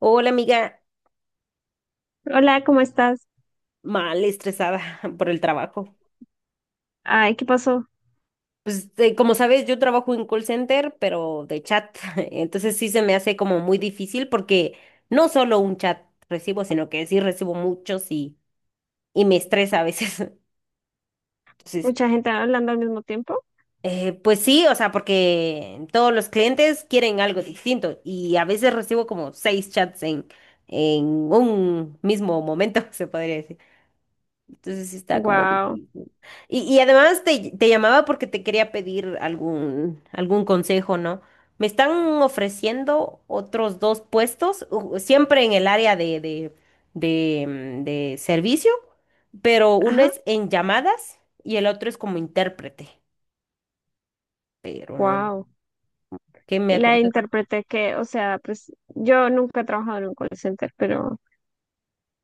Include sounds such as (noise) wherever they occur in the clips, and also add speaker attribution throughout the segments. Speaker 1: Hola amiga,
Speaker 2: Hola, ¿cómo estás?
Speaker 1: mal estresada (laughs) por el trabajo.
Speaker 2: Ay, ¿qué pasó?
Speaker 1: Pues como sabes, yo trabajo en call center, pero de chat. (laughs) Entonces sí se me hace como muy difícil porque no solo un chat recibo, sino que sí recibo muchos y me estresa a veces. (laughs) Entonces,
Speaker 2: Mucha gente hablando al mismo tiempo.
Speaker 1: pues sí, o sea, porque todos los clientes quieren algo distinto y a veces recibo como seis chats en un mismo momento, (laughs) se podría decir. Entonces sí está como
Speaker 2: Wow.
Speaker 1: difícil. Y además te llamaba porque te quería pedir algún consejo, ¿no? Me están ofreciendo otros dos puestos, siempre en el área de, de servicio, pero uno
Speaker 2: Ajá,
Speaker 1: es en llamadas y el otro es como intérprete, pero no.
Speaker 2: wow.
Speaker 1: ¿Qué me
Speaker 2: Y la
Speaker 1: aconsejan?
Speaker 2: interpreté que, o sea, pues yo nunca he trabajado en un call center, pero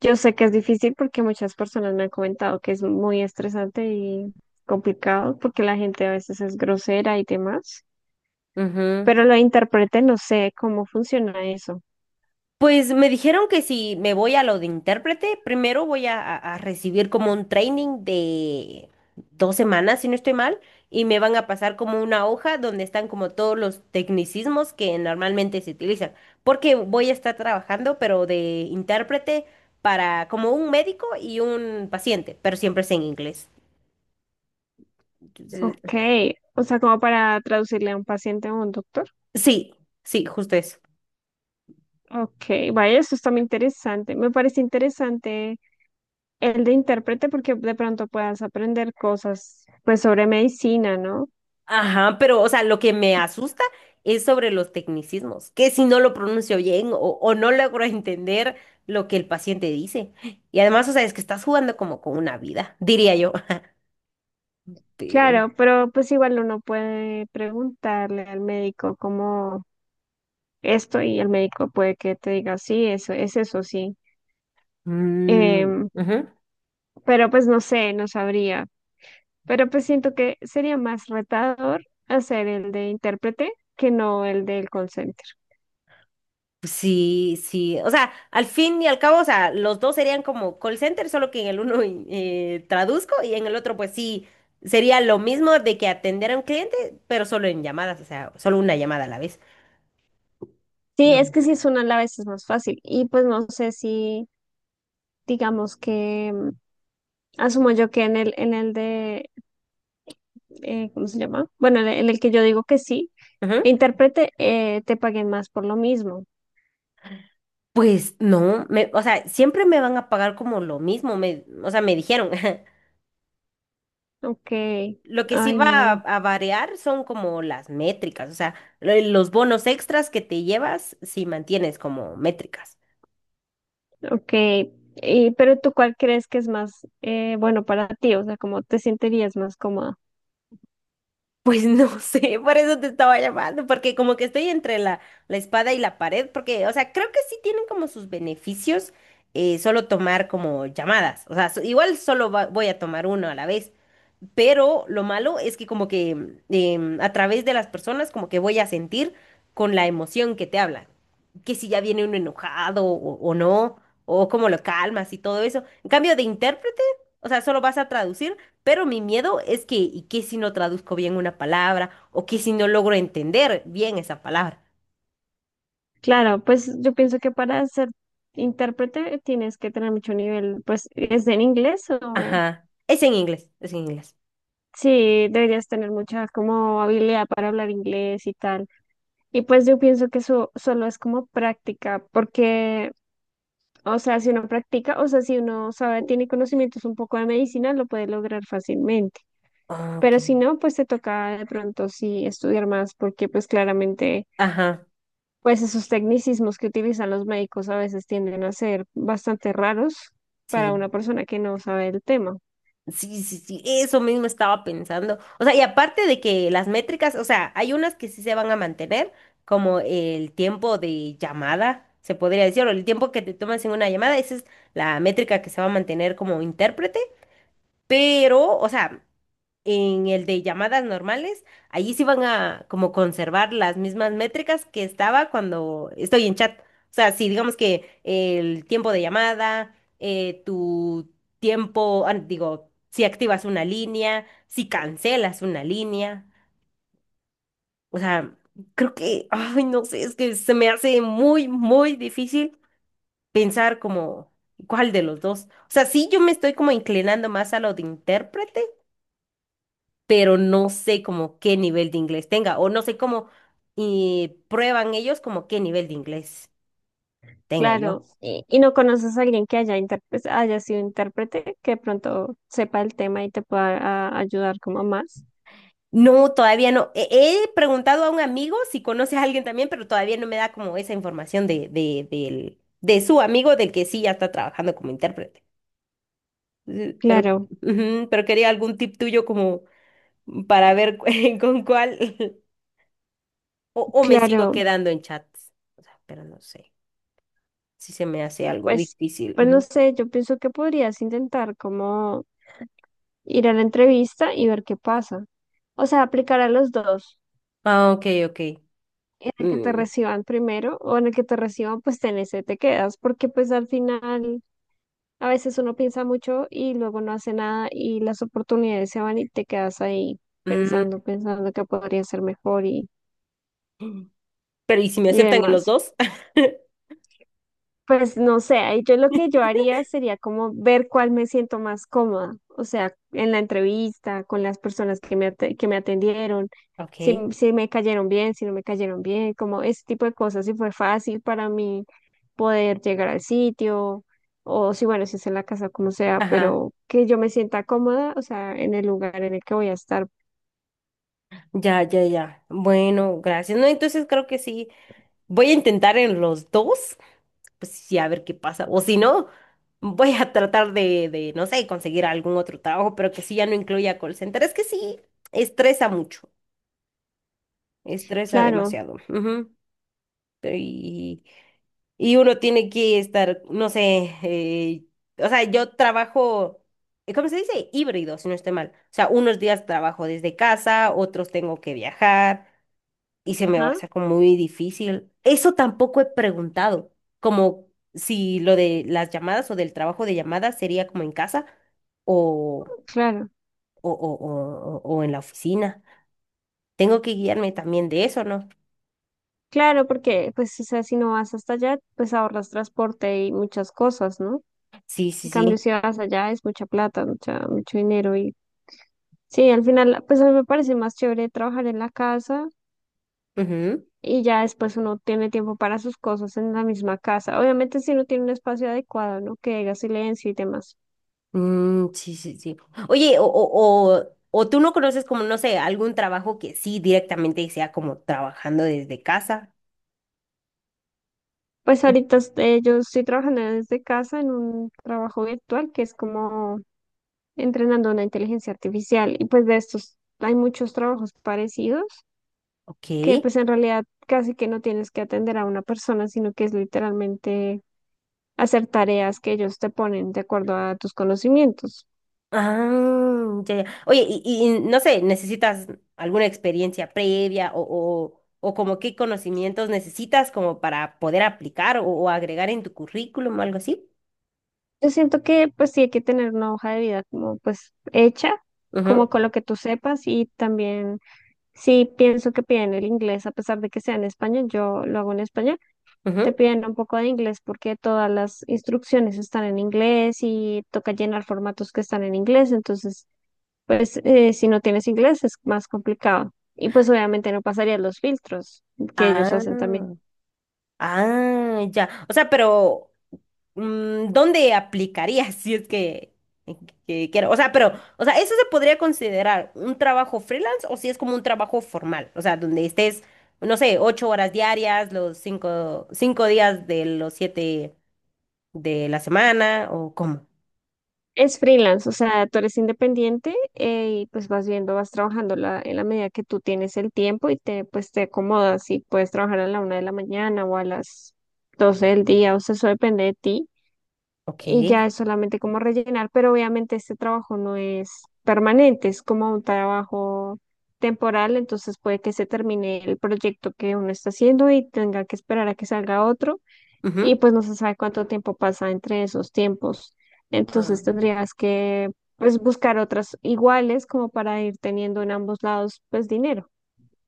Speaker 2: yo sé que es difícil porque muchas personas me han comentado que es muy estresante y complicado porque la gente a veces es grosera y demás.
Speaker 1: Ujú.
Speaker 2: Pero lo interpreté, no sé cómo funciona eso.
Speaker 1: Pues me dijeron que si me voy a lo de intérprete, primero voy a recibir como un training de 2 semanas, si no estoy mal, y me van a pasar como una hoja donde están como todos los tecnicismos que normalmente se utilizan, porque voy a estar trabajando, pero de intérprete para como un médico y un paciente, pero siempre es en inglés. Entonces,
Speaker 2: Ok, o sea, como para traducirle a un paciente o a un doctor.
Speaker 1: sí, sí, justo eso.
Speaker 2: Ok, vaya, eso está muy interesante. Me parece interesante el de intérprete porque de pronto puedas aprender cosas, pues sobre medicina, ¿no?
Speaker 1: Ajá, pero o sea, lo que me asusta es sobre los tecnicismos, que si no lo pronuncio bien o no logro (laughs) entender lo que el paciente dice. Y además, o sea, es que estás jugando como con una vida, diría yo. (laughs) Pero,
Speaker 2: Claro, pero pues igual uno puede preguntarle al médico como esto y el médico puede que te diga, sí, eso es eso, sí.
Speaker 1: mm,
Speaker 2: Em,
Speaker 1: ujú,
Speaker 2: pero pues no sé, no sabría. Pero pues siento que sería más retador hacer el de intérprete que no el del consent.
Speaker 1: sí, sí, o sea, al fin y al cabo, o sea, los dos serían como call center, solo que en el uno traduzco y en el otro, pues sí, sería lo mismo de que atender a un cliente, pero solo en llamadas, o sea, solo una llamada a la vez.
Speaker 2: Sí,
Speaker 1: Lo-
Speaker 2: es que sí es una a veces más fácil. Y pues no sé si, digamos que, asumo yo que en el de, ¿cómo se llama? Bueno, en el que yo digo que sí,
Speaker 1: ujú.
Speaker 2: intérprete, te paguen más por lo mismo.
Speaker 1: Pues no, me, o sea, siempre me van a pagar como lo mismo, me, o sea, me dijeron. (laughs)
Speaker 2: Ok,
Speaker 1: Lo que sí
Speaker 2: ay
Speaker 1: va
Speaker 2: no,
Speaker 1: a variar son como las métricas, o sea, los bonos extras que te llevas si mantienes como métricas.
Speaker 2: ok. Y, pero tú, ¿cuál crees que es más bueno para ti? O sea, ¿cómo te sentirías más cómoda?
Speaker 1: Pues no (laughs) sé, por eso te estaba llamando, porque como que estoy entre la espada y la pared, porque, o sea, creo que sí tienen como sus beneficios solo tomar como llamadas, o sea, igual solo voy a tomar uno a la vez. Pero lo malo es que como que a través de las personas como que voy a sentir con la emoción que te hablan, que si ya viene uno enojado o no, o cómo lo calmas y todo eso. En cambio de intérprete, o sea, solo vas a traducir, pero mi miedo es que, ¿y qué si no traduzco bien una palabra? ¿O qué si no logro entender bien esa palabra?
Speaker 2: Claro, pues yo pienso que para ser intérprete tienes que tener mucho nivel, pues, ¿es en inglés o...?
Speaker 1: Ajá. Es en inglés, es en inglés.
Speaker 2: Sí, deberías tener mucha como habilidad para hablar inglés y tal. Y pues yo pienso que eso solo es como práctica, porque, o sea, si uno practica, o sea, si uno sabe, tiene conocimientos un poco de medicina, lo puede lograr fácilmente. Pero si
Speaker 1: Ok.
Speaker 2: no, pues te toca de pronto sí estudiar más, porque pues claramente,
Speaker 1: Ajá,
Speaker 2: pues esos tecnicismos que utilizan los médicos a veces tienden a ser bastante raros para
Speaker 1: sí.
Speaker 2: una persona que no sabe el tema.
Speaker 1: Sí, sí, sí, eso mismo estaba pensando. O sea, y aparte de que las métricas, o sea, hay unas que sí se van a mantener, como el tiempo de llamada, se podría decir, o el tiempo que te tomas en una llamada, esa es la métrica que se va a mantener como intérprete, pero, o sea, en el de llamadas normales, allí sí van a como conservar las mismas métricas que estaba cuando estoy en chat. O sea, si digamos que el tiempo de llamada, tu tiempo, ah, digo, si activas una línea, si cancelas una línea. O sea, creo que, ay, no sé, es que se me hace muy, muy difícil pensar como cuál de los dos. O sea, sí, yo me estoy como inclinando más a lo de intérprete pero no sé como qué nivel de inglés tenga o no sé cómo prueban ellos como qué nivel de inglés tenga
Speaker 2: Claro,
Speaker 1: yo.
Speaker 2: y no conoces a alguien que haya, pues, haya sido intérprete, que de pronto sepa el tema y te pueda ayudar como más.
Speaker 1: No, todavía no. He preguntado a un amigo si conoce a alguien también, pero todavía no me da como esa información de su amigo del que sí ya está trabajando como intérprete. Pero,
Speaker 2: Claro,
Speaker 1: ujú, pero quería algún tip tuyo como para ver (laughs) con cuál (laughs) o me sigo
Speaker 2: claro,
Speaker 1: quedando en chats. O sea, pero no sé si se me hace algo
Speaker 2: pues,
Speaker 1: difícil.
Speaker 2: pues no
Speaker 1: Ujú.
Speaker 2: sé, yo pienso que podrías intentar como ir a la entrevista y ver qué pasa. O sea, aplicar a los dos,
Speaker 1: Ah, ok, ok.
Speaker 2: en el que te
Speaker 1: Mm,
Speaker 2: reciban primero o en el que te reciban, pues en ese te quedas, porque pues al final a veces uno piensa mucho y luego no hace nada y las oportunidades se van y te quedas ahí
Speaker 1: mm,
Speaker 2: pensando, pensando que podría ser mejor
Speaker 1: pero ¿y si me
Speaker 2: y
Speaker 1: aceptan en los
Speaker 2: demás.
Speaker 1: dos? (laughs)
Speaker 2: Pues no sé, ahí yo lo que yo haría sería como ver cuál me siento más cómoda, o sea, en la entrevista, con las personas que me, que me atendieron, si,
Speaker 1: Ok.
Speaker 2: si me cayeron bien, si no me cayeron bien, como ese tipo de cosas, si fue fácil para mí poder llegar al sitio, o si bueno, si es en la casa, como sea,
Speaker 1: Ajá,
Speaker 2: pero que yo me sienta cómoda, o sea, en el lugar en el que voy a estar,
Speaker 1: ya, ya, ya. Bueno, gracias. No, entonces creo que sí. Voy a intentar en los dos, pues sí, a ver qué pasa. O si no, voy a tratar no sé, conseguir algún otro trabajo, pero que sí ya no incluya call center. Es que sí, estresa mucho, estresa
Speaker 2: claro,
Speaker 1: demasiado. Ujú. Pero, y uno tiene que estar, no sé, o sea, yo trabajo, ¿cómo se dice? Híbrido, si no estoy mal. O sea, unos días trabajo desde casa, otros tengo que viajar y se me va a
Speaker 2: ajá,
Speaker 1: hacer como muy difícil. Eso tampoco he preguntado, como si lo de las llamadas o del trabajo de llamadas sería como en casa o,
Speaker 2: claro,
Speaker 1: o en la oficina. Tengo que guiarme también de eso, ¿no?
Speaker 2: claro, porque pues, o sea, si no vas hasta allá, pues ahorras transporte y muchas cosas, ¿no?
Speaker 1: Sí,
Speaker 2: En
Speaker 1: sí,
Speaker 2: cambio, si vas allá es mucha plata, mucha, mucho dinero y sí, al final, pues a mí me parece más chévere trabajar en la casa
Speaker 1: sí.
Speaker 2: y ya después uno tiene tiempo para sus cosas en la misma casa. Obviamente si uno tiene un espacio adecuado, ¿no? Que haga silencio y demás.
Speaker 1: Mm, sí, sí, sí. Oye, o tú no conoces como, no sé, algún trabajo que sí directamente sea como trabajando desde casa.
Speaker 2: Pues ahorita este, yo estoy trabajando desde casa en un trabajo virtual que es como entrenando una inteligencia artificial y pues de estos hay muchos trabajos parecidos que
Speaker 1: Ok.
Speaker 2: pues en realidad casi que no tienes que atender a una persona, sino que es literalmente hacer tareas que ellos te ponen de acuerdo a tus conocimientos.
Speaker 1: Ah, ya, ya. Oye, y no sé, ¿necesitas alguna experiencia previa o como qué conocimientos necesitas como para poder aplicar o agregar en tu currículum o algo así?
Speaker 2: Yo siento que pues sí hay que tener una hoja de vida como pues hecha,
Speaker 1: Ujú,
Speaker 2: como con lo que tú sepas y también sí pienso que piden el inglés a pesar de que sea en español, yo lo hago en español, te
Speaker 1: ujú.
Speaker 2: piden un poco de inglés porque todas las instrucciones están en inglés y toca llenar formatos que están en inglés, entonces pues si no tienes inglés es más complicado. Y pues obviamente no pasarías los filtros que ellos
Speaker 1: Ah,
Speaker 2: hacen también.
Speaker 1: ah, ya. O sea, pero ¿dónde aplicaría (laughs) si es que quiero? O sea, pero, o sea, ¿eso se podría considerar un trabajo freelance o si es como un trabajo formal? O sea, donde estés, no sé, 8 horas diarias, los 5 días de los 7 de la semana, o cómo.
Speaker 2: Es freelance, o sea, tú eres independiente y pues vas viendo, vas trabajando en la medida que tú tienes el tiempo y pues te acomodas y puedes trabajar a la 1 de la mañana o a las 12 del día, o sea, eso depende de ti y
Speaker 1: Ok.
Speaker 2: ya es solamente como rellenar, pero obviamente este trabajo no es permanente, es como un trabajo temporal, entonces puede que se termine el proyecto que uno está haciendo y tenga que esperar a que salga otro y
Speaker 1: Ujú.
Speaker 2: pues no se sabe cuánto tiempo pasa entre esos tiempos. Entonces tendrías que pues buscar otras iguales como para ir teniendo en ambos lados pues dinero.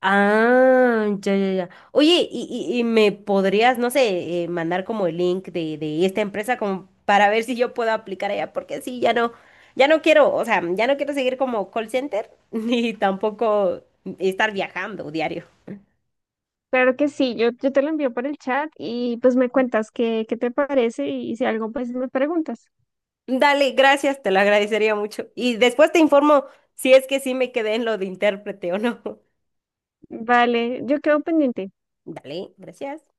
Speaker 1: Ah, ya, ya, ya. Oye, y me podrías, no sé, mandar como el link de esta empresa como para ver si yo puedo aplicar allá, porque sí, ya no, ya no quiero, o sea, ya no quiero seguir como call center, (laughs) ni tampoco estar viajando diario.
Speaker 2: Claro que sí, yo te lo envío por el chat y pues me cuentas qué te parece y, si algo pues me preguntas.
Speaker 1: Dale, gracias, te lo agradecería mucho. Y después te informo si es que sí me quedé en lo de intérprete o no. (laughs)
Speaker 2: Vale, yo quedo pendiente.
Speaker 1: Dale, gracias.